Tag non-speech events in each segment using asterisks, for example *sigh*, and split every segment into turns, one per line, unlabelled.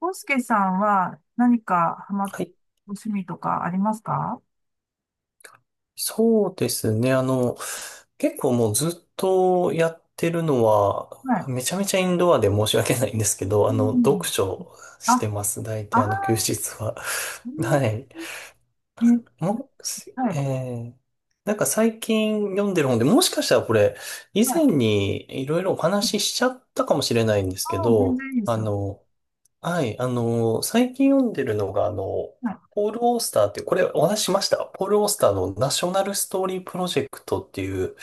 コスケさんは、何かハマっ、
はい。
ご趣味とかありますか？
そうですね。結構もうずっとやってるのは、
はい。
めちゃめちゃインドアで申し訳ないんですけど、
う
読
ん。
書
あ、
してます。大
あ
体休日は。*laughs* は
ー、
い。
えー、え
もし、
ーは
え
い、
ー、なんか最近読んでる本で、もしかしたらこれ、以
はい。
前にいろいろお話ししちゃったかもしれないんです
あ
け
あ、全
ど、
然いいですよ。
はい、最近読んでるのが、
はい。
ポール・オースターっていう、これお話ししました。ポール・オースターのナショナル・ストーリー・プロジェクトっていう、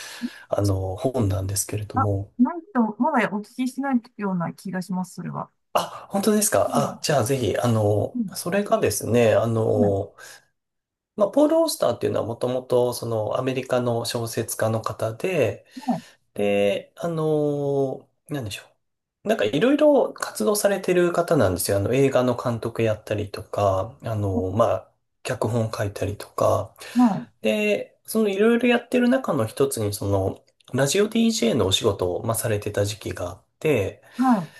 本なんですけれど
あ、
も。
ないと、まだお聞きしてないような気がします、それは。
あ、本当ですか。
う
あ、
ん
じゃあぜひ、
うん。
それがですね、
はい。
まあ、ポール・オースターっていうのはもともと、その、アメリカの小説家の方で、
はい。
で、なんでしょう。なんかいろいろ活動されてる方なんですよ。映画の監督やったりとか、まあ、脚本書いたりとか。
はい。
で、そのいろいろやってる中の一つに、その、ラジオ DJ のお仕事を、まあ、されてた時期があって、
は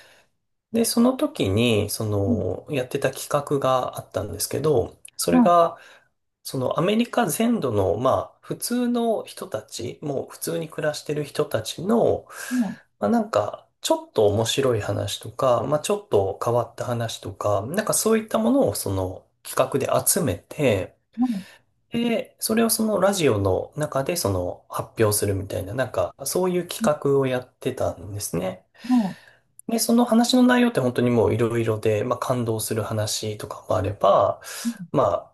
で、その時に、そ
い。うん。
の、やってた企画があったんですけど、それ
は
が、そのアメリカ全土の、まあ、普通の人たち、もう普通に暮らしてる人たちの、
い。はい。
まあ、なんか、ちょっと面白い話とか、まあ、ちょっと変わった話とか、なんかそういったものをその企画で集めて、
はい。
で、それをそのラジオの中でその発表するみたいな、なんかそういう企画をやってたんですね。
はい。
で、その話の内容って本当にもういろいろで、まあ感動する話とかもあれば、
うん、
ま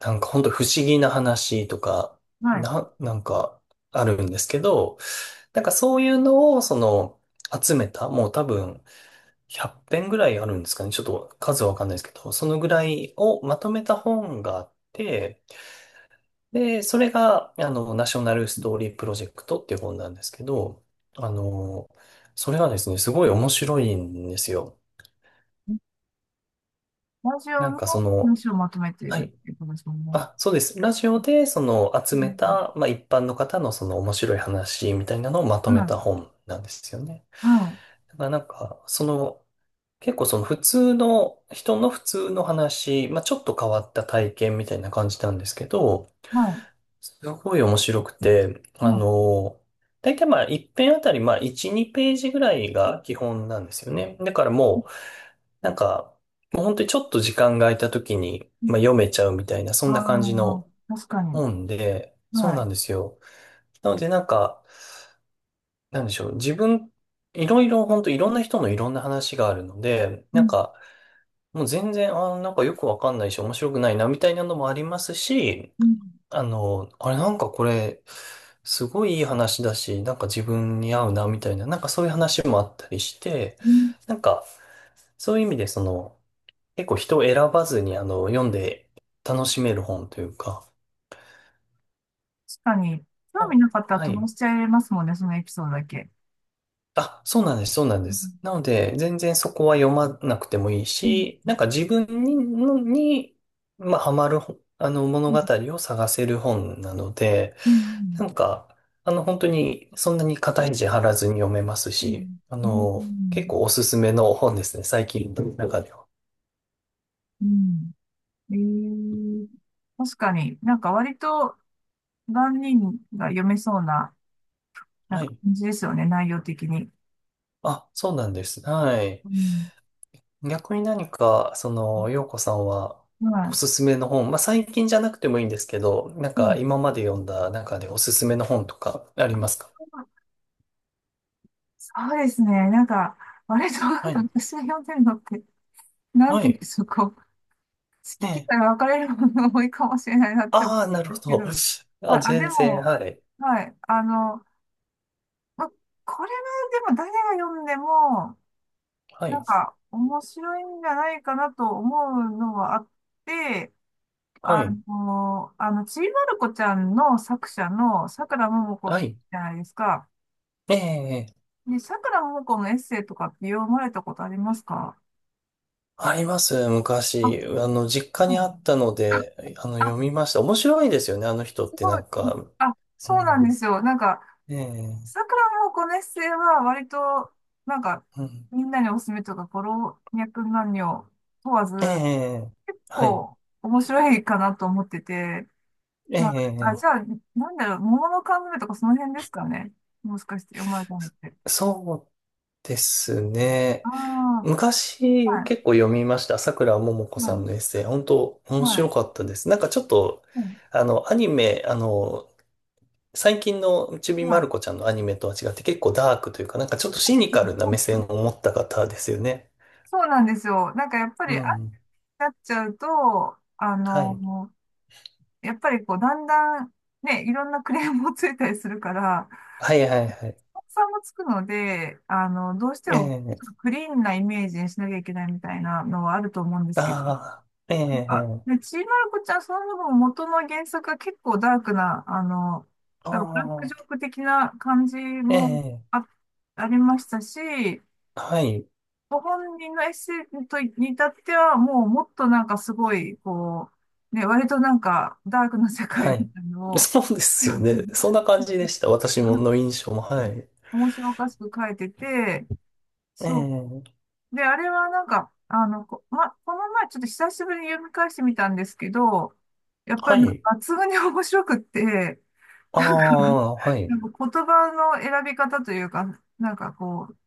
あなんかほんと不思議な話とか、
はい。
なんかあるんですけど、なんかそういうのをその集めた、もう多分100編ぐらいあるんですかね。ちょっと数わかんないですけど、そのぐらいをまとめた本があって、で、それがナショナルストーリープロジェクトっていう本なんですけど、あの、それはですね、すごい面白いんですよ。
ラジ
な
オ
ん
の
かそ
文
の、
章をまとめてい
は
る
い。
っていうことですもんね。
あ、そうです。ラジオで、その、集
う
め
ん。
た、まあ、一般の方のその面白い話みたいなのをまとめ
は
た
い。
本なんですよね。
は
だからなんか、その、結構その普通の、人の普通の話、まあ、ちょっと変わった体験みたいな感じなんですけど、
い。は
すごい面白くて、
い。はい。
だいたいまあ、一編あたり、まあ、1、2ページぐらいが基本なんですよね。だからもう、なんか、もう本当にちょっと時間が空いた時に、まあ、読めちゃうみたいな、そ
あ
んな感じ
あ、
の、
確かに。
思うんで、そう
は
な
い。
んですよ。なのでなんか、なんでしょう。自分、いろいろ、本当いろんな人のいろんな話があるので、
う
なん
ん、
か、もう全然、なんかよくわかんないし、面白くないな、みたいなのもありますし、
うん、
あれなんかこれ、すごいいい話だし、なんか自分に合うな、みたいな、なんかそういう話もあったりして、
うん、
なんか、そういう意味で、その、結構人を選ばずに、読んで楽しめる本というか、
確かに、興味
あ、
なかったら
は
飛ば
い。
しちゃいますもんね、そのエピソードだけ。
あ、そうなんです、そうなん
う
で
ん、
す。なので、全然そこは読まなくてもいい
うん、
し、なんか自分に、のにまあ、ハマる本、物
うん、
語を探せる本なので、
うん、
なんか、本当に、そんなに肩肘張らずに読めます
う
し、
ん、う
結
ん、
構おすすめの本ですね、最近の中では。
うん。うん、ええ、確かになんか割と万人が読めそうな、なん
は
か
い。
感じですよね、内容的に。
あ、そうなんです。はい。
うん、
逆に何か、その、洋子さんは、
は
お
い。
すすめの本、まあ、最近じゃなくてもいいんですけど、なん
う
か、
ん、
今まで読んだ中でおすすめの本とか、ありますか？
そうですね。なんか、割と、なん
は
か
い。
私が読んでるのって、なん
は
ていうん
い。
でしょう、こう、好
え
き嫌
え。
い分かれるものが多いかもしれないなって思
ああ、なる
うん
ほ
ですけ
ど。
ど。あ、
あ、
あ、で
全然、
も、
はい。
はい。ま、これはでも誰が読んでも、
は
な
い。
んか面白いんじゃないかなと思うのはあって、
はい。
ちびまる子ちゃんの作者のさくらももこ
はい。
じゃないですか。
ええ、
で、さくらももこのエッセイとかって読まれたことありますか？
あります、
あ、
昔。実家
う
にあ
ん、
ったので、
あ、
読みました。面白いですよね、あの人っ
す
て
ご
な
い。
んか。
あ、そ
う
うなんで
ん。
すよ。なんか、
ええ、
さくらもこねっせいは割と、なんか、
うん。
みんなにおすすめとか、こ、老若男女問わず、
ええ、
結
はい。
構面白いかなと思ってて、
え
まあ、あ、
え、
じゃあ、なんだろう、桃の缶詰とかその辺ですかね。もしかして読まれたのって。
そうですね。
ああ、
昔
は
結構読みました。桜ももこ
い、は
さんのエッ
い、
セイ。本当面
は
白
い、
かったです。なんかちょっと、
うん、
アニメ、最近のちび
は
まる
い。
子ちゃんのアニメとは違って結構ダークというか、なんかちょっとシニカルな目線を持った方ですよね。
そうなんですよ。なんかやっぱ
う
り、あ、
ん。
なっちゃうと、あ
はい。
の、やっぱりこう、だんだん、ね、いろんなクレームもついたりするから、
はいはいはい。
さんもつくので、どうしても
ええ。
クリーンなイメージにしなきゃいけないみたいなのはあると思うんですけど、
ああ、え
なんか、ね、
え。
ちいまる子ちゃん、その分元の原作が結構ダークな、
あ
なんかブラックジョ
あ、
ーク的な感じも
ええ。
あ、ありましたし、
はい、
ご本人のエッセイとに至っては、もうもっとなんかすごい、こう、ね、割となんかダークな世界
は
み
い。
たいなのを、
そうですよ
*laughs*
ね。そんな感じでした。私もの印象も。はい。
面白おかしく書いてて、そう
ええ。
で、あれはなんか、この前ちょっと久しぶりに読み返してみたんですけど、やっぱ
は
り抜
い。
群に面白くって、
あ
*laughs*
あ、はい。
なんか言葉の選び方というか、なんかこう、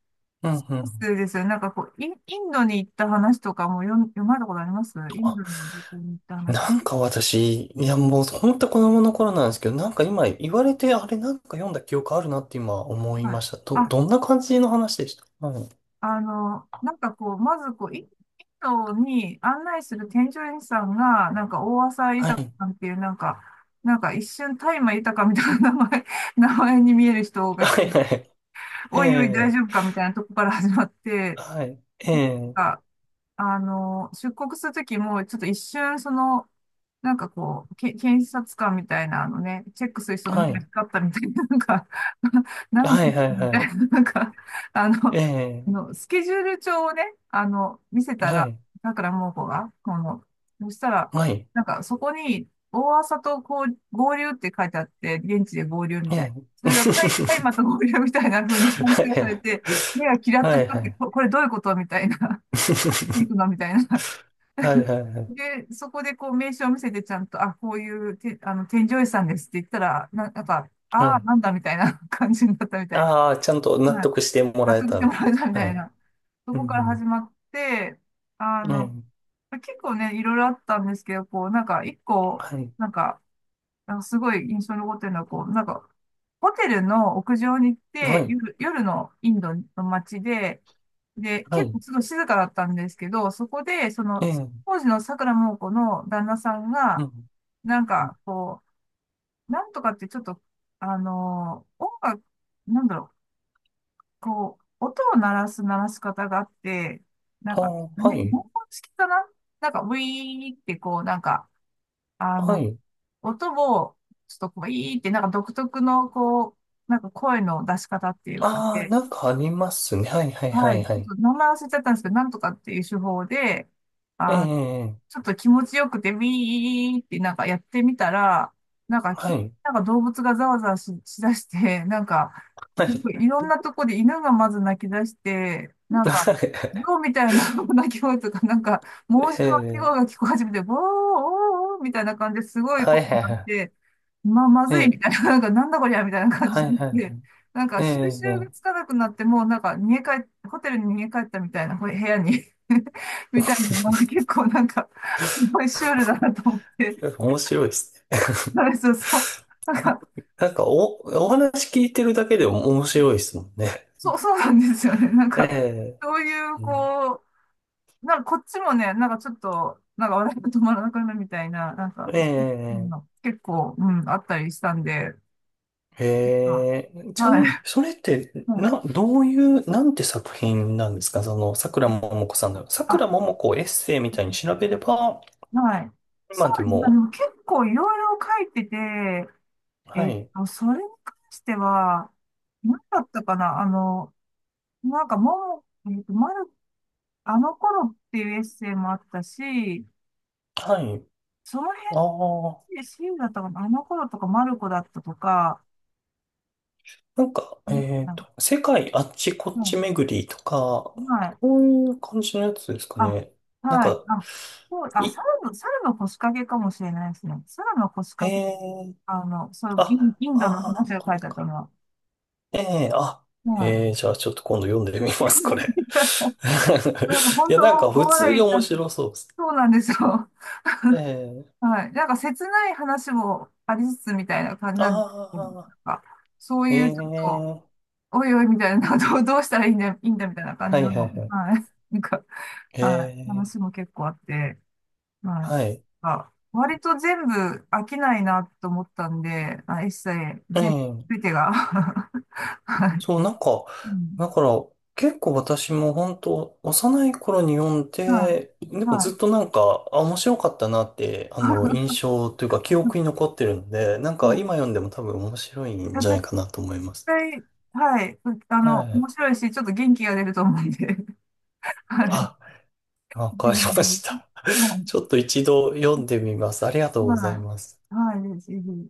う
そ
ん、うん。
うですよね。なんかこう、インドに行った話とかも読まれたことありますイン
あ、
ドに旅行に行った話と
な
か。
んか私、いやもう本当子供の頃なんですけど、なんか今言われて、あれなんか読んだ記憶あるなって今思い
はい。
ました。
あ、
どんな感じの話でした？はい。
なんかこう、まずこう、インドに案内する添乗員さんが、なんか大浅井
は
豊
い。
さんっていう、なんか、なんか一瞬大麻豊みたいな名前、名前に見える人
*laughs*
が来
は
て、
いはい。え
おいおい大
え、
丈夫かみたいなとこから始まって、
はい。ええ、
あ、出国するときも、ちょっと一瞬その、なんかこう、検察官みたいな、あのね、チェックする人の
は
目が
い。
光ったみたいな、なんか、*laughs* 何し
は
て
い
る
はい
のみ
は
た
い。
いな、なんか、
え
あ
え、
のスケジュール帳をね、見せた
は
ら、
い。
だからもうこが、この、そしたら、
はい。
なんかそこに、大朝とこう合流って書いてあって、現地で合流みたいな。
え
そ
え。
れ
*laughs*
がタイまた合流みたいな風に判定されて、目がキラッと
はい
光
は
って、
い
これどういうことみたいな。行
*laughs*
くのみたいな。
はい。はい *laughs* はいはいはい
で、そこでこう名刺を見せてちゃんと、あ、こういうて、添乗員さんですって言ったら、なんか、
は
ああ、
い。
なんだみたいな *laughs* 感じになったみたいな。
ああ、ちゃんと納
はい。
得しても
納
らえ
得し
た
て
み
も
た
ら
い
えたみ
な。
た
は
い
い。
な。そ
う
こから始
ん。
まって、あ
う
の、
ん。
結構ね、いろいろあったんですけど、こう、なんか、一個、
はい。
なんか、なんかすごい印象に残ってるのは、こう、なんか、ホテルの屋上に行っ
は
て、
い。
夜のインドの街で、で、
は
結
い。
構ちょっと静かだったんですけど、そこで、そ
え
の、
え。
当時の桜桃子の旦那さん
う
が、
ん。
なん
うん。
か、こう、なんとかってちょっと、音楽、なんだろう、こう、音を鳴らす鳴らし方があって、なん
あ
か、
あ、は
ね、
い。
文法式かな。なんか、ウィーってこう、なんか、あ
は
の、
い。
音も、ちょっとこう、いいって、なんか独特の、こう、なんか声の出し方っていうか
ああ、
で、
なんかありますね。はい、はい、は
は
い、
い、ち
は
ょっ
い。
と名前忘れちゃったんですけど、なんとかっていう手法で、
え
あ、
え、
ちょっと気持ちよくて、ビーってなんかやってみたら、なんか急
は
に
い。
なんか動物がざわざわしだして、*laughs* なんか、
は
すご
い。
いいろんなとこで犬がまず泣き出して、なんか、
*laughs*
ゾウみたいな *laughs* 鳴き声 *laughs* とか、なんか、申
え
し訳鳴き声
え、
が聞こえ始めて、ボー、おー、おーみたいな感じですごい
は
こと
い、は
に
い、
なっ
は
て、ま
い。え
ずいみ
え、
たいな、*laughs* なんか、なんだこりゃみたいな感
は
じに
い、
なっ
はい、は
て、
い。
なんか、
え
収拾
え、
がつかなくなって、もうなんか、逃げ帰っ、ホテルに逃げ帰ったみたいな、部屋に *laughs* みたいなのが結構なんか、すごいシュールだなと思って、
*laughs* 面白いですね。
なんかそう、そう、なんか、
*laughs* なんかお話聞いてるだけでも面白いですもんね。
そう、そうなんですよね。なん
え
か、
え、
そういう、
うん。
こう、なんかこっちもね、なんかちょっと、なんか笑いが止まらなくなるみたいな、なんか、
え
うん、
え、
結構、うん、あったりしたんで、あ、
へえ、ちな
は
みに、
い。
それって、
うん、
な、どういう、なんて作品なんですかその、桜ももこさんの。
あ、
桜ももこをエッセイみ
う
たいに
ん、
調べれば、
はい。そ
今で
うですね。で
も、
も結構いろいろ書いてて、え
は
っ
い、
と、それに関しては、何だったかな、なんか、もも、えっと、まるあの頃っていうエッセイもあったし、
はい、
その
あ
辺
あ、
でシールだったかな、あの頃とかマルコだったとか、
なんか、
うん、
世界あっちこっ
う
ち
ん、
巡りとか、
はい。
こういう感じのやつですか
あ、
ね。なん
はい。
か、
あ、そう、あ、
い、
猿の腰掛けかもしれないですね。猿の腰
え
掛け、
ー、
そう、
あ、
イ
あ
ンドの話
あ、
が
こ
書
れ
いてあっ
か。
たのは。
ええ、あ、
は
ええ、
い。
じゃあちょっと今度読んでみます、
*laughs*
これ。
なんか
*laughs* い
本
や、
当、
なんか
大
普通
笑
に
いした。
面白そうです。
そうなんですよ。
ええ、
はい。なんか切ない話もありつつみたいな感じなんですけど、
ああ、
なんか、そう
え
いう
え、
ちょっと、おいおいみたいな、どう、*laughs* どうしたらいいんだ、いいんだみたいな感
は
じの、
いは
は
いはい。
い。なんか、
え
はい。
え、
話も結構あって、はい。
はい。
あ、割と全部飽きないなと思ったんで、まあ、一切、
え
全
え、
部てが。*laughs* はい。
そう、なんか、
うん。
だから結構私も本当幼い頃に読ん
は
で、で
い。
もず
は
っとなんか、あ、面白かったなって、
い。
印象というか記憶
*laughs*
に残ってるので、なん
うん、
か
い
今読んでも多分面白いん
や
じゃない
絶
かなと思います。
対、はい。う、
は
面
い。
白いし、ちょっと元気が出ると思うんで。*laughs* はい。ぜ
あ、わ
ひ
か
ぜ
りまし
ひ、
た。
は
*laughs* ちょっと一度読んでみます。ありがと
い。
うござい
は
ます。
い。はい。ぜひぜひ